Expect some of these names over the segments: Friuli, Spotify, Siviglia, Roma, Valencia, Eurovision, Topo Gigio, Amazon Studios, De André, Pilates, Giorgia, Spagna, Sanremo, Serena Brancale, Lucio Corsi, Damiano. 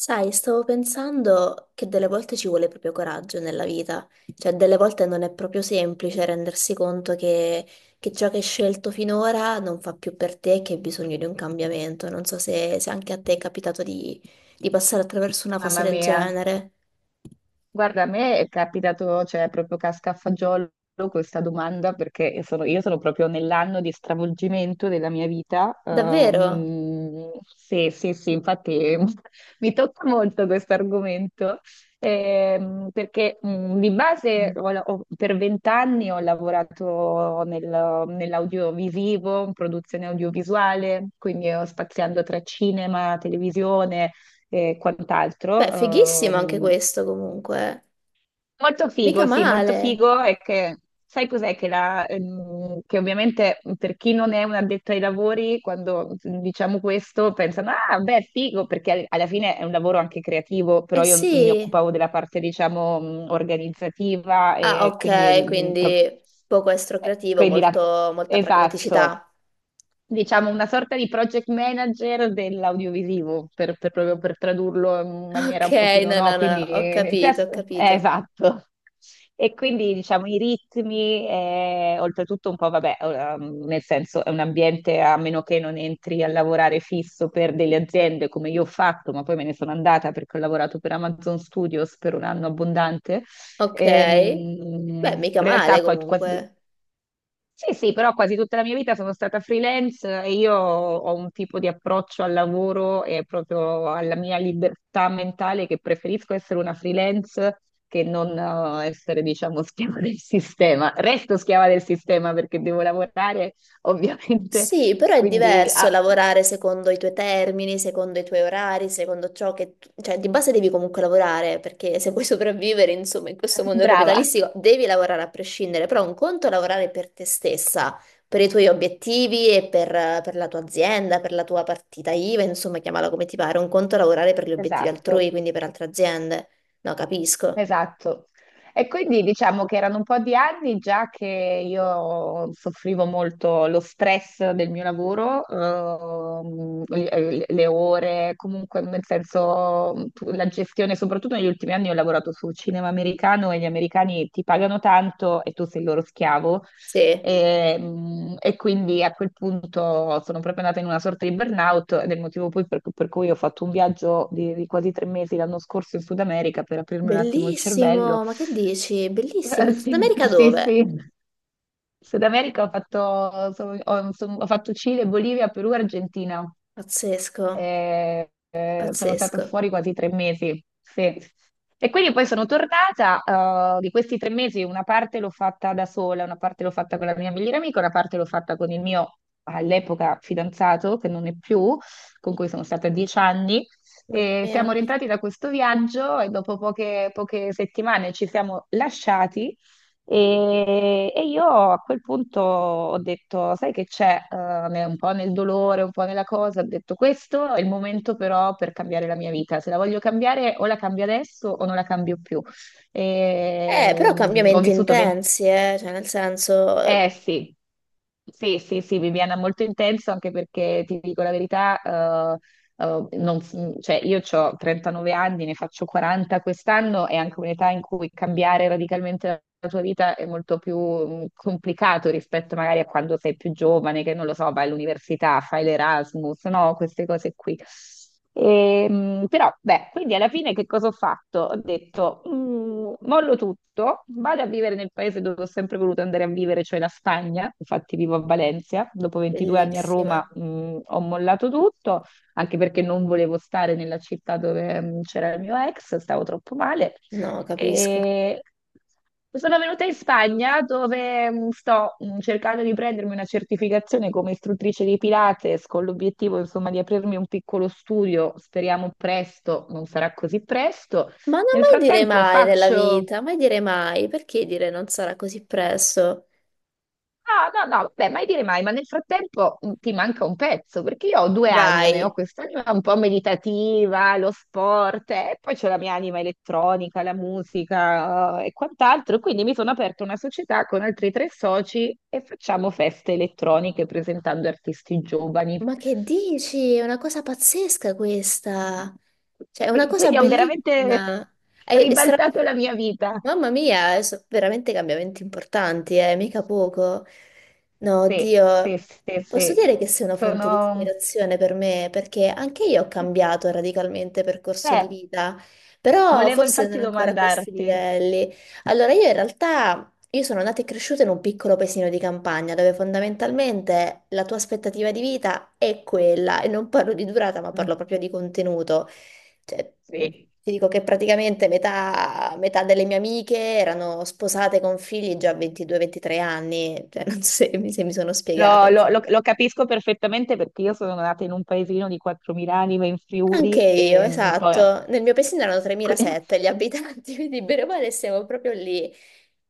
Sai, stavo pensando che delle volte ci vuole proprio coraggio nella vita, cioè delle volte non è proprio semplice rendersi conto che ciò che hai scelto finora non fa più per te e che hai bisogno di un cambiamento. Non so se anche a te è capitato di passare attraverso una fase Mamma del mia, genere. guarda, a me è capitato, cioè, proprio casca a fagiolo questa domanda perché io sono proprio nell'anno di stravolgimento della mia vita. Davvero? Sì, sì, sì, infatti. Mi tocca molto questo argomento, perché, di base, per vent'anni ho lavorato nell'audiovisivo, in produzione audiovisuale, quindi ho spaziando tra cinema, televisione e quant'altro. Beh, fighissimo anche questo comunque. Eh. Molto Mica figo, sì, molto male. figo. È che sai cos'è che, che ovviamente per chi non è un addetto ai lavori, quando diciamo questo pensano, ah, beh, figo, perché alla fine è un lavoro anche creativo, Eh però io mi sì. occupavo della parte, diciamo, organizzativa Ah, e quindi, ok, quindi poco estrocreativo, quindi molta esatto, pragmaticità. diciamo, una sorta di project manager dell'audiovisivo, proprio per tradurlo in Ok, maniera un pochino, no, no, no? no, Quindi, ho capito, ho capito. esatto. E quindi, diciamo, i ritmi, oltretutto un po', vabbè, nel senso è un ambiente a meno che non entri a lavorare fisso per delle aziende come io ho fatto, ma poi me ne sono andata perché ho lavorato per Amazon Studios per un anno abbondante. Ok, Ehm, beh, In mica realtà male poi quasi, comunque. sì, sì, però quasi tutta la mia vita sono stata freelance, e io ho un tipo di approccio al lavoro e proprio alla mia libertà mentale che preferisco essere una freelance che non, essere, diciamo, schiava del sistema. Resto schiava del sistema perché devo lavorare, ovviamente, Sì, però è quindi diverso ah, lavorare secondo i tuoi termini, secondo i tuoi orari. Secondo ciò che... tu- Cioè, di base devi comunque lavorare, perché se vuoi sopravvivere, insomma, in questo mondo brava, capitalistico, devi lavorare a prescindere, però un conto è lavorare per te stessa, per i tuoi obiettivi e per la tua azienda, per la tua partita IVA, insomma, chiamala come ti pare. Un conto è lavorare per gli obiettivi altrui, esatto. quindi per altre aziende. No, capisco. Esatto. E quindi diciamo che erano un po' di anni già che io soffrivo molto lo stress del mio lavoro, le ore, comunque nel senso, la gestione, soprattutto negli ultimi anni ho lavorato su cinema americano e gli americani ti pagano tanto e tu sei il loro schiavo Sì. e, e quindi a quel punto sono proprio andata in una sorta di burnout, ed è il motivo poi per cui ho fatto un viaggio di quasi 3 mesi l'anno scorso in Sud America per aprirmi un attimo il cervello. Bellissimo, ma che dici? Bellissimo, in Sud Sì, America sì, dove? sì. Sud America ho fatto, ho fatto Cile, Bolivia, Perù, Argentina. Pazzesco, Ehm, sono stata pazzesco, fuori quasi 3 mesi, sì. E quindi poi sono tornata, di questi 3 mesi una parte l'ho fatta da sola, una parte l'ho fatta con la mia migliore amica, una parte l'ho fatta con il mio all'epoca fidanzato, che non è più, con cui sono stata 10 anni. mamma E siamo mia. rientrati da questo viaggio e dopo poche settimane ci siamo lasciati, e io a quel punto ho detto, sai che c'è, un po' nel dolore, un po' nella cosa, ho detto questo è il momento però per cambiare la mia vita, se la voglio cambiare o la cambio adesso o non la cambio più. E, Però ho cambiamenti vissuto 20... intensi, cioè nel senso, Eh sì. Sì, sì, sì, Viviana, molto intenso, anche perché ti dico la verità, eh, non- cioè, io ho 39 anni, ne faccio 40 quest'anno, è anche un'età in cui cambiare radicalmente la tua vita è molto più complicato rispetto magari a quando sei più giovane, che non lo so, vai all'università, fai l'Erasmus, no? Queste cose qui. Però, beh, quindi alla fine che cosa ho fatto? Ho detto, Mollo tutto, vado a vivere nel paese dove ho sempre voluto andare a vivere, cioè la Spagna", infatti vivo a Valencia, dopo 22 anni a bellissima. Roma, ho mollato tutto, anche perché non volevo stare nella città dove, c'era il mio ex, stavo troppo male. No, capisco. E sono venuta in Spagna dove, sto, cercando di prendermi una certificazione come istruttrice di Pilates con l'obiettivo, insomma, di aprirmi un piccolo studio, speriamo presto, non sarà così presto. Ma non Nel mai dire frattempo mai nella faccio. vita, mai dire mai, perché dire non sarà così presto? No, no, no, vabbè, mai dire mai, ma nel frattempo, ti manca un pezzo, perché io ho due anime, ho Vai. quest'anima un po' meditativa, lo sport, e poi c'ho la mia anima elettronica, la musica, e quant'altro, quindi mi sono aperta una società con altri tre soci e facciamo feste elettroniche presentando artisti giovani. Ma che dici? È una cosa pazzesca questa. Cioè, è una E cosa quindi ho veramente bellissima. È, è stra- ribaltato la mia vita. Mamma mia, sono veramente cambiamenti importanti, mica poco. No, Sì, sì, Dio, sì, posso sì. dire che sei una fonte di Sono... ispirazione per me, perché anche io ho cambiato radicalmente percorso di Eh, vita, però volevo forse non infatti ancora a questi domandarti. livelli. Allora, io in realtà io sono nata e cresciuta in un piccolo paesino di campagna dove fondamentalmente la tua aspettativa di vita è quella, e non parlo di durata, ma Mm. parlo proprio di contenuto. Cioè, Sì, ti dico che praticamente metà delle mie amiche erano sposate con figli già a 22-23 anni, cioè, non so se mi sono spiegata, no, insomma. Lo capisco perfettamente perché io sono nata in un paesino di 4.000 anime in Anche Friuli io, e, poi... esatto. Nel mio paesino erano que- 3007 gli abitanti, quindi bene o male siamo proprio lì.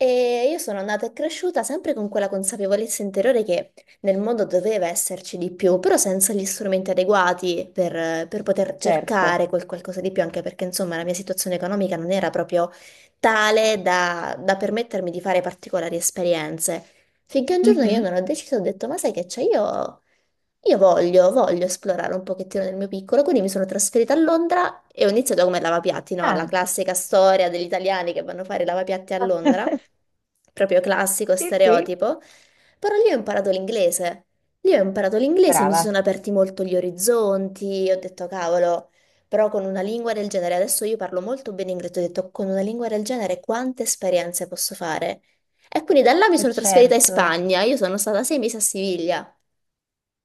E io sono andata e cresciuta sempre con quella consapevolezza interiore che nel mondo doveva esserci di più, però senza gli strumenti adeguati per poter Certo. cercare quel qualcosa di più, anche perché insomma la mia situazione economica non era proprio tale da permettermi di fare particolari esperienze. Finché un giorno io Mhm. non ho deciso, ho detto, ma sai che c'è, io voglio esplorare un pochettino nel mio piccolo, quindi mi sono trasferita a Londra e ho iniziato come lavapiatti, no? La Ah. classica storia degli italiani che vanno a fare i lavapiatti a Londra, proprio classico Sì, sì, stereotipo, però lì ho imparato l'inglese. Lì ho imparato l'inglese, mi si brava. sono aperti molto gli orizzonti, ho detto cavolo, però con una lingua del genere, adesso io parlo molto bene inglese, ho detto con una lingua del genere quante esperienze posso fare? E quindi da là mi Oh, sono trasferita in certo. Spagna, io sono stata 6 mesi a Siviglia.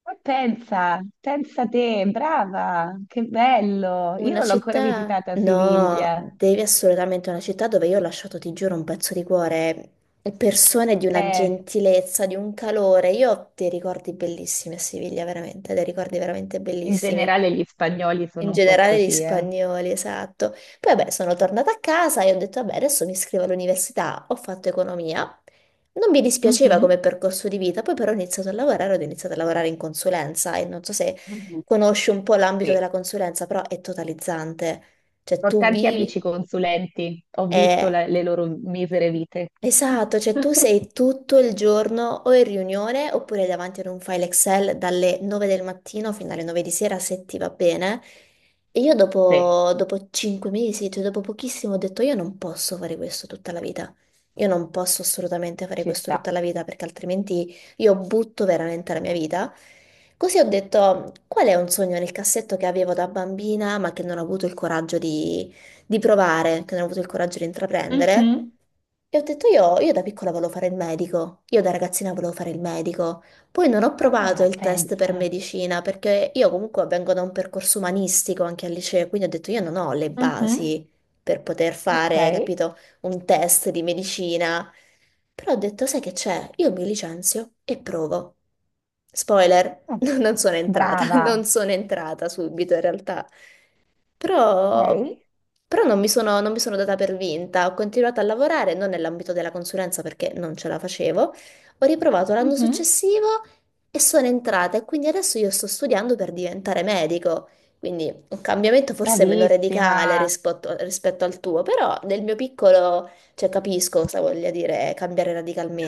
Ma pensa, pensa te, brava, che bello. Io Una non l'ho ancora città? visitata a No, Siviglia. devi assolutamente una città dove io ho lasciato, ti giuro, un pezzo di cuore. Persone di una Beh, gentilezza, di un calore. Io ho dei ricordi bellissimi a Siviglia, veramente, dei ricordi veramente in bellissimi. generale gli spagnoli In sono un po' generale gli così, eh. spagnoli, esatto. Poi vabbè, sono tornata a casa e ho detto, vabbè, adesso mi iscrivo all'università, ho fatto economia. Non mi dispiaceva Mhm. come percorso di vita, poi però ho iniziato a lavorare, ho iniziato a lavorare in consulenza e non so se Mhm. conosci un po' l'ambito Sì. della consulenza, però è totalizzante. Cioè Ho tu tanti vivi amici consulenti, ho visto e le loro misere vite. Esatto, cioè tu sei tutto il giorno o in riunione oppure davanti ad un file Excel dalle 9 del mattino fino alle 9 di sera se ti va bene. E io Sì, dopo 5 mesi, cioè dopo pochissimo, ho detto io non posso fare questo tutta la vita. Io non posso assolutamente fare ci questo tutta sta. la vita perché altrimenti io butto veramente la mia vita. Così ho detto qual è un sogno nel cassetto che avevo da bambina ma che non ho avuto il coraggio di provare, che non ho avuto il coraggio di intraprendere. Mhm, E ho detto io da piccola volevo fare il medico, io da ragazzina volevo fare il medico, poi non ho provato ah, il test per pensa. medicina perché io comunque vengo da un percorso umanistico anche al liceo, quindi ho detto io non ho le Mhm, basi per poter ok, fare, capito, un test di medicina, però ho detto sai che c'è, io mi licenzio e provo. Spoiler, ah, brava. non sono entrata subito in realtà. Però, Ok, però, non mi sono data per vinta, ho continuato a lavorare, non nell'ambito della consulenza perché non ce la facevo, ho riprovato l'anno mhm. successivo e sono entrata e quindi adesso io sto studiando per diventare medico, quindi un cambiamento forse meno radicale Bravissima. rispetto al tuo, però nel mio piccolo, cioè, capisco cosa voglia dire cambiare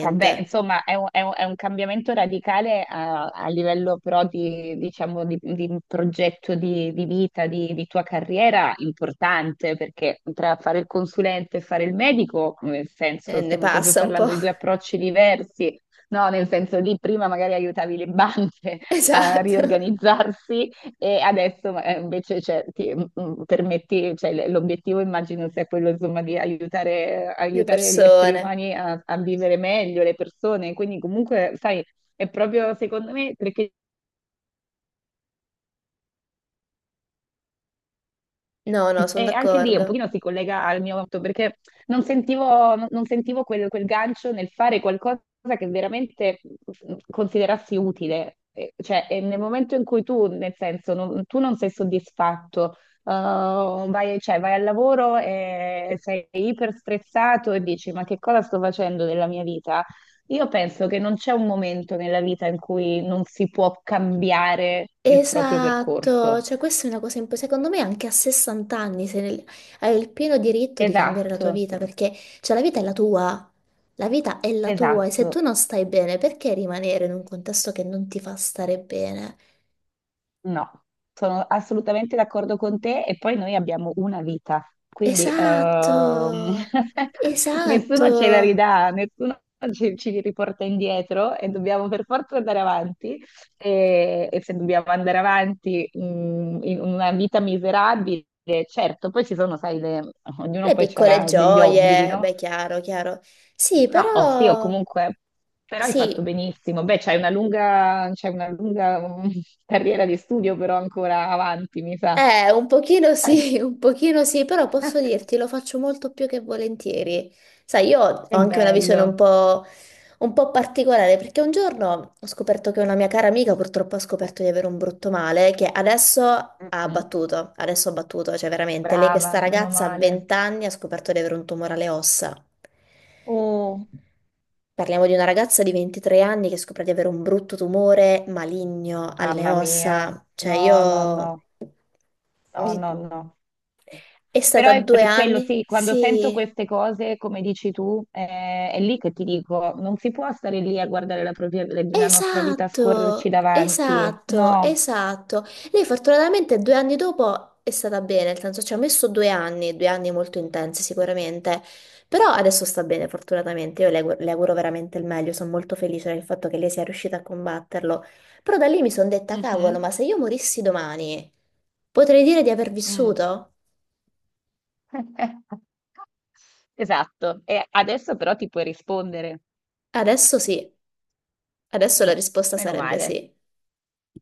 Vabbè, insomma, è un cambiamento radicale a livello, però diciamo, di un progetto di vita, di tua carriera importante, perché tra fare il consulente e fare il medico, nel senso, Ne stiamo proprio passa un po'. parlando di due approcci diversi, no? Nel senso lì prima magari aiutavi le banche a Esatto, riorganizzarsi, e adesso, invece, cioè, ti, permetti, cioè, l'obiettivo immagino sia quello, insomma, di aiutare, le aiutare gli esseri persone. umani a, a vivere meglio, le persone, quindi comunque, sai, è proprio secondo me perché. No, no, sono E anche lì un d'accordo. pochino si collega al mio fatto, perché non sentivo, non sentivo quel, quel gancio nel fare qualcosa che veramente, considerassi utile. Cioè, e nel momento in cui tu, nel senso, tu non sei soddisfatto, uh, vai, cioè, vai al lavoro e sei iper stressato e dici: ma che cosa sto facendo della mia vita? Io penso che non c'è un momento nella vita in cui non si può cambiare il proprio Esatto, percorso. cioè questa è una cosa importante, secondo me anche a 60 anni se ne- hai il pieno diritto di cambiare la tua Esatto. vita, perché cioè, la vita è la tua, la vita è la tua e se Esatto, tu non stai bene perché rimanere in un contesto che non ti fa stare bene? no, sono assolutamente d'accordo con te, e poi noi abbiamo una vita, quindi, Esatto, esatto, nessuno ce la ridà, nessuno ci riporta indietro e dobbiamo per forza andare avanti, e se dobbiamo andare avanti, in una vita miserabile, certo, poi ci sono, sai, ognuno le poi piccole ha degli obblighi, gioie, no? beh chiaro, chiaro, sì No, oh, sì, o però comunque, però hai fatto sì. benissimo. Beh, c'hai una lunga, carriera di studio, però ancora avanti, mi sa. Un pochino Eh, sì, un pochino sì, però posso dirti, lo faccio molto più che volentieri. Sai, io ho Che anche una visione un bello. po', un po' particolare, perché un giorno ho scoperto che una mia cara amica purtroppo ha scoperto di avere un brutto male che Mm-mm. Adesso ha abbattuto, cioè veramente, lei questa Brava, meno ragazza a male. 20 anni ha scoperto di avere un tumore alle ossa. Oh, Parliamo di una ragazza di 23 anni che scopre di avere un brutto tumore maligno alle mamma mia. ossa, No, no, no, no, no, no. è Però stata è due per quello, anni? sì, quando sento Sì, queste cose, come dici tu, è lì che ti dico, non si può stare lì a guardare la nostra vita scorrerci esatto, davanti. esatto, No. esatto. Lei fortunatamente 2 anni dopo è stata bene, nel senso ci ha messo 2 anni, 2 anni molto intensi sicuramente, però adesso sta bene fortunatamente, io le auguro veramente il meglio, sono molto felice del fatto che lei sia riuscita a combatterlo, però da lì mi sono detta, cavolo, ma Mhm. se io morissi domani, potrei dire di aver Mm. vissuto? Esatto. E adesso però ti puoi rispondere. Adesso sì, adesso la risposta Meno sarebbe male. sì.